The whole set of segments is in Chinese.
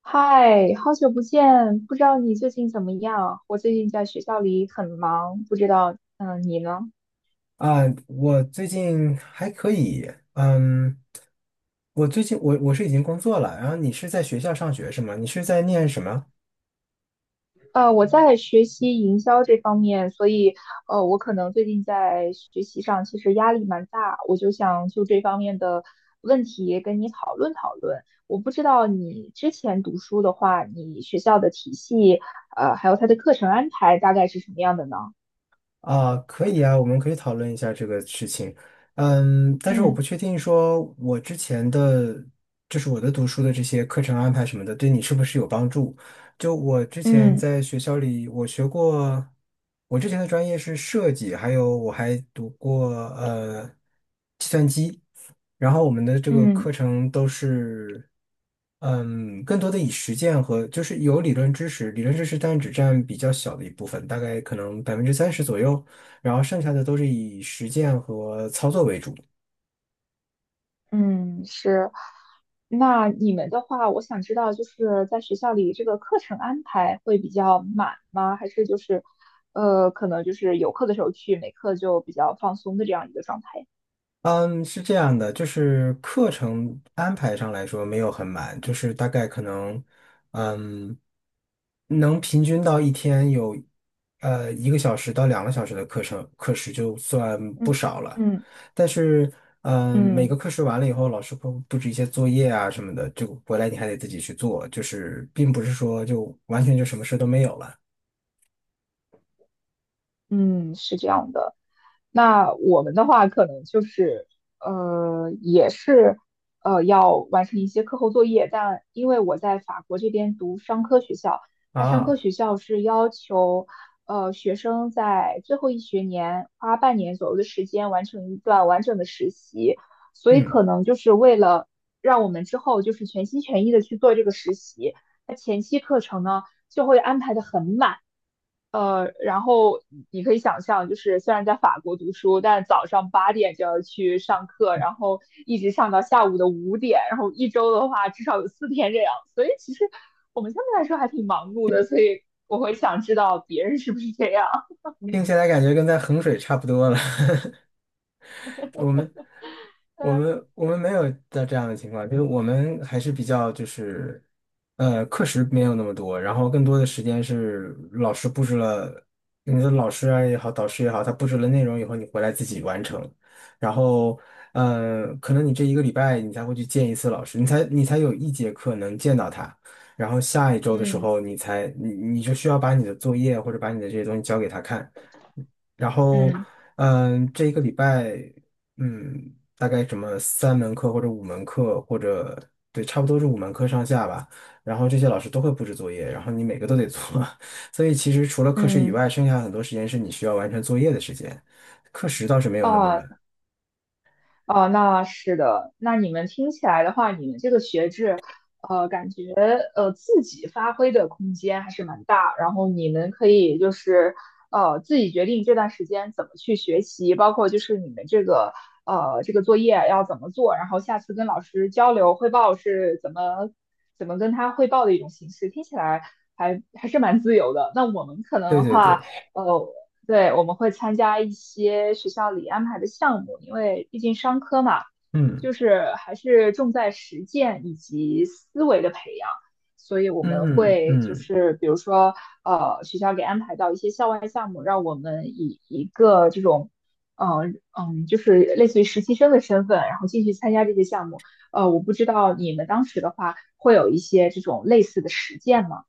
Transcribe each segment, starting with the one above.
嗨，好久不见，不知道你最近怎么样？我最近在学校里很忙，不知道，你呢？啊，我最近还可以，嗯，我最近我是已经工作了，然后你是在学校上学是吗？你是在念什么？我在学习营销这方面，所以，我可能最近在学习上其实压力蛮大，我就想就这方面的问题跟你讨论讨论。我不知道你之前读书的话，你学校的体系，还有它的课程安排大概是什么样的呢？啊，可以啊，我们可以讨论一下这个事情，但是我嗯不确定说我之前的就是,我的读书的这些课程安排什么的，对你是不是有帮助？就我之前嗯在学校里，我学过，我之前的专业是设计，还有我还读过计算机。然后我们的这个嗯，课程都是，更多的以实践和就是有理论知识，但只占比较小的一部分，大概可能30%左右，然后剩下的都是以实践和操作为主。嗯，是。那你们的话，我想知道，就是在学校里这个课程安排会比较满吗？还是就是，可能就是有课的时候去，没课就比较放松的这样一个状态？嗯，是这样的，就是课程安排上来说没有很满，就是大概可能，嗯，能平均到一天有，一个小时到两个小时的课程课时就算不嗯少了。嗯但是，每个嗯课时完了以后，老师会布置一些作业啊什么的，就回来你还得自己去做，就是并不是说就完全就什么事都没有了嗯，是这样的。那我们的话可能就是也是要完成一些课后作业，但因为我在法国这边读商科学校，它商科啊。学校是要求学生在最后一学年花半年左右的时间完成一段完整的实习，所以嗯，可能就是为了让我们之后就是全心全意的去做这个实习，那前期课程呢就会安排的很满。然后你可以想象，就是虽然在法国读书，但早上八点就要去上课，然后一直上到下午的五点，然后一周的话至少有四天这样，所以其实我们相对来说还挺忙碌的，所以我会想知道别人是不是这样。听起来感觉跟在衡水差不多了。我们我们 我们没有的这样的情况，就是我们还是比较就是，课时没有那么多，然后更多的时间是老师布置了，你的老师啊也好，导师也好，他布置了内容以后，你回来自己完成，然后，可能你这一个礼拜你才会去见一次老师，你才有一节课能见到他，然后下一周的嗯时嗯候你才你你就需要把你的作业或者把你的这些东西交给他看。然后，嗯这一个礼拜大概什么三门课或者五门课，或者对，差不多是五门课上下吧。然后这些老师都会布置作业，然后你每个都得做。所以其实除了课时以嗯，外，剩下很多时间是你需要完成作业的时间。课时倒是没有那么满。啊、哦，那是的。那你们听起来的话，你们这个学制，感觉自己发挥的空间还是蛮大。然后你们可以就是自己决定这段时间怎么去学习，包括就是你们这个这个作业要怎么做，然后下次跟老师交流汇报是怎么跟他汇报的一种形式。听起来还是蛮自由的。那我们可能对的对对，话。呃。对，我们会参加一些学校里安排的项目，因为毕竟商科嘛，嗯就是还是重在实践以及思维的培养，所以我们嗯会就嗯。是比如说，学校给安排到一些校外项目，让我们以一个这种，就是类似于实习生的身份，然后进去参加这些项目。我不知道你们当时的话会有一些这种类似的实践吗？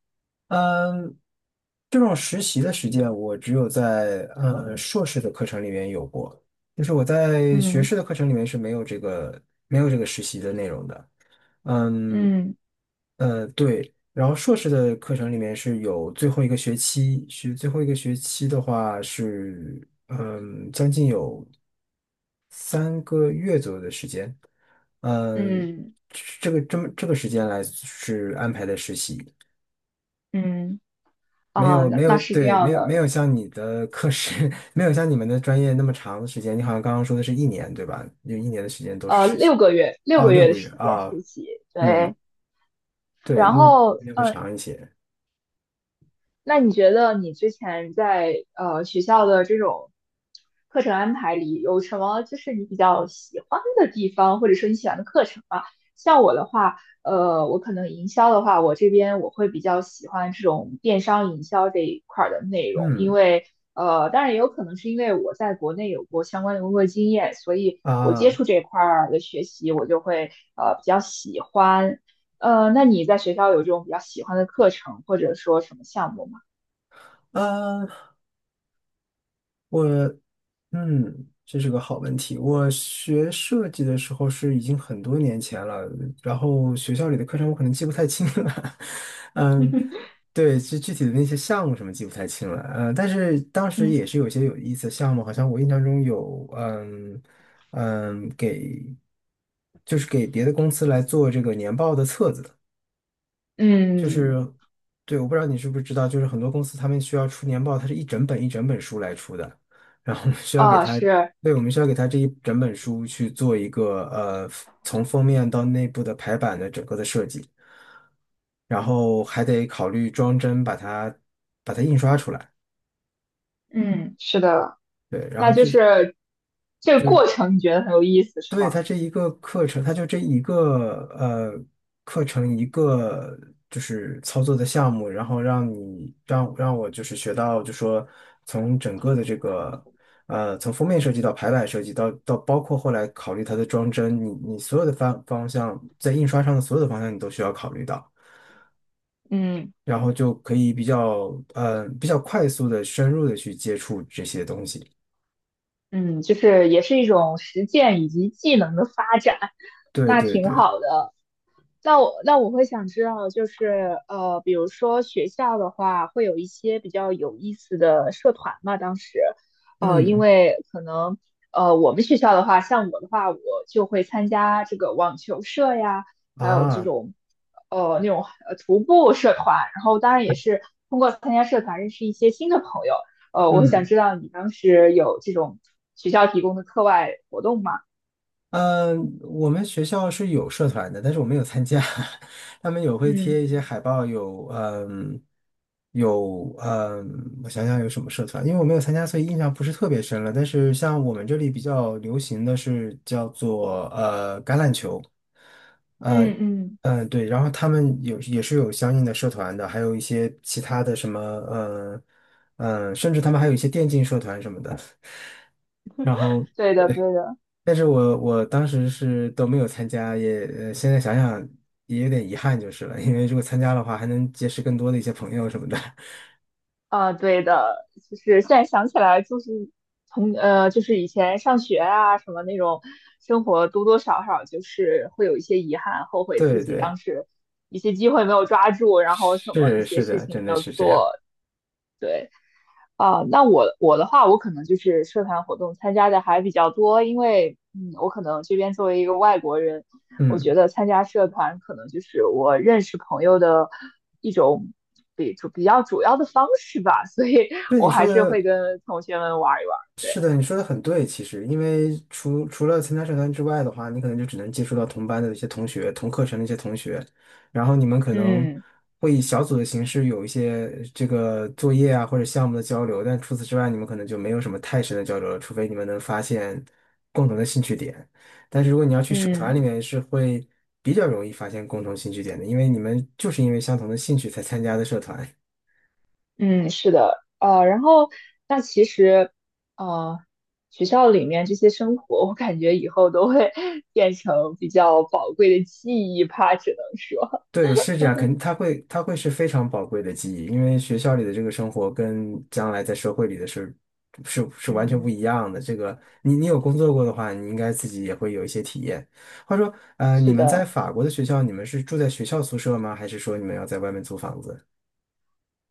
嗯，这种实习的实践，我只有在硕士的课程里面有过，就是我在学嗯士的课程里面是没有这个实习的内容的。嗯，嗯对，然后硕士的课程里面是有最后一个学期，最后一个学期的话是将近有3个月左右的时间。嗯，嗯这个这个时间来是安排的实习。嗯。没啊，有那没那有是这对，没样有没的，有像你的课时，没有像你们的专业那么长的时间。你好像刚刚说的是一年，对吧？有一年的时间都是实习。六个月，六哦，个六月的个月时间啊，实习，嗯，对，对，然嗯，后，那会长一些。那你觉得你之前在学校的这种课程安排里，有什么就是你比较喜欢的地方，或者说你喜欢的课程啊？像我的话，我可能营销的话，我这边我会比较喜欢这种电商营销这一块儿的内容，因嗯为当然也有可能是因为我在国内有过相关的工作经验，所以我接啊触这一块儿的学习，我就会比较喜欢。那你在学校有这种比较喜欢的课程，或者说什么项目吗？啊，我。嗯，这是个好问题。我学设计的时候是已经很多年前了，然后学校里的课程我可能记不太清了。嗯，对，具体的那些项目什么记不太清了。但是当时嗯嗯，也是有些有意思的项目，好像我印象中有，给给别的公司来做这个年报的册子。就是，嗯对，我不知道你是不是知道，就是很多公司他们需要出年报，它是一整本一整本书来出的，然后我们需要给哦，它，是，嗯对，我们需要给它这一整本书去做一个从封面到内部的排版的整个的设计，然后还得考虑装帧把它印刷出来，嗯是的，对，然那后就这是这个过程，你觉得很有意思，是对，吗？它这一个课程，它就这一个课程就是操作的项目，然后让你让让我就是学到，就说从整个的这个从封面设计到排版设计到包括后来考虑它的装帧，你你所有的方向在印刷上的所有的方向你都需要考虑到，嗯然后就可以比较比较快速的深入的去接触这些东西。嗯，就是也是一种实践以及技能的发展，对那对挺对，好的。那我会想知道，就是比如说学校的话，会有一些比较有意思的社团嘛。当时，因嗯为可能我们学校的话，像我的话，我就会参加这个网球社呀，还有啊那种徒步社团。然后当然也是通过参加社团认识一些新的朋友。我会想嗯。知道你当时有这种学校提供的课外活动吗？嗯，我们学校是有社团的，但是我没有参加。他们有会嗯贴一些海报，有有我想想有什么社团，因为我没有参加，所以印象不是特别深了。但是像我们这里比较流行的是叫做橄榄球，呃嗯嗯，嗯对，然后他们有也是有相应的社团的，还有一些其他的什么甚至他们还有一些电竞社团什么的。然后对的对的。但是我当时是都没有参加，现在想想也有点遗憾就是了，因为如果参加的话，还能结识更多的一些朋友什么的。啊，对的，就是现在想起来，就是从就是以前上学啊，什么那种生活，多多少少就是会有一些遗憾，后悔自对己对，当时一些机会没有抓住，然后什么一是些是事的，情真没的有是这样。做，对。啊，那我的话，我可能就是社团活动参加的还比较多，因为我可能这边作为一个外国人，我觉嗯，得参加社团可能就是我认识朋友的一种比较主要的方式吧，所以对我你说还是的，会跟同学们玩一玩。对，是的，你说的很对。其实，因为除了参加社团之外的话，你可能就只能接触到同班的一些同学、同课程的一些同学，然后你们可能嗯会以小组的形式有一些这个作业啊或者项目的交流，但除此之外，你们可能就没有什么太深的交流了，除非你们能发现共同的兴趣点。但是如果你要去社团里嗯面，是会比较容易发现共同兴趣点的，因为你们就是因为相同的兴趣才参加的社团。嗯，是的，然后那其实呃，学校里面这些生活，我感觉以后都会 变成比较宝贵的记忆吧，只能说。对，是这样，肯定它会是非常宝贵的记忆，因为学校里的这个生活跟将来在社会里的是完全不嗯一样的。这个你有工作过的话，你应该自己也会有一些体验。话说，你是们在的，法国的学校，你们是住在学校宿舍吗？还是说你们要在外面租房子？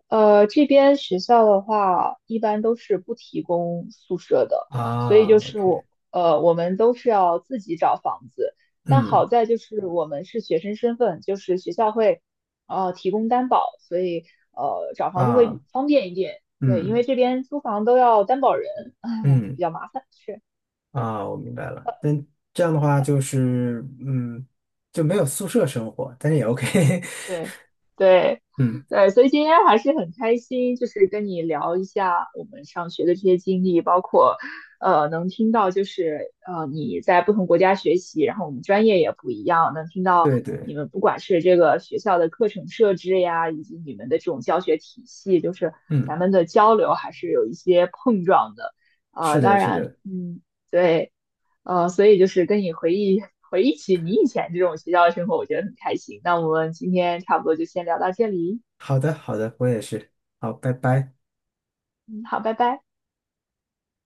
这边学校的话，一般都是不提供宿舍的，所以就啊是，OK,我，我们都是要自己找房子。但好嗯，在就是我们是学生身份，就是学校会，提供担保，所以找房子啊，会方便一点。对，因为嗯，这边租房都要担保人，唉，嗯，比较麻烦。是。啊，我明白了。但这样的话就是，嗯，就没有宿舍生活，但是也 OK。对对 嗯，对，所以今天还是很开心，就是跟你聊一下我们上学的这些经历，包括能听到就是你在不同国家学习，然后我们专业也不一样，能听到对对。你们不管是这个学校的课程设置呀，以及你们的这种教学体系，就是嗯。咱们的交流还是有一些碰撞的。是的，当是然，的，对。所以就是跟你回忆起你以前这种学校的生活，我觉得很开心。那我们今天差不多就先聊到这里，好的，好的，我也是，好，拜拜。嗯，好，拜拜。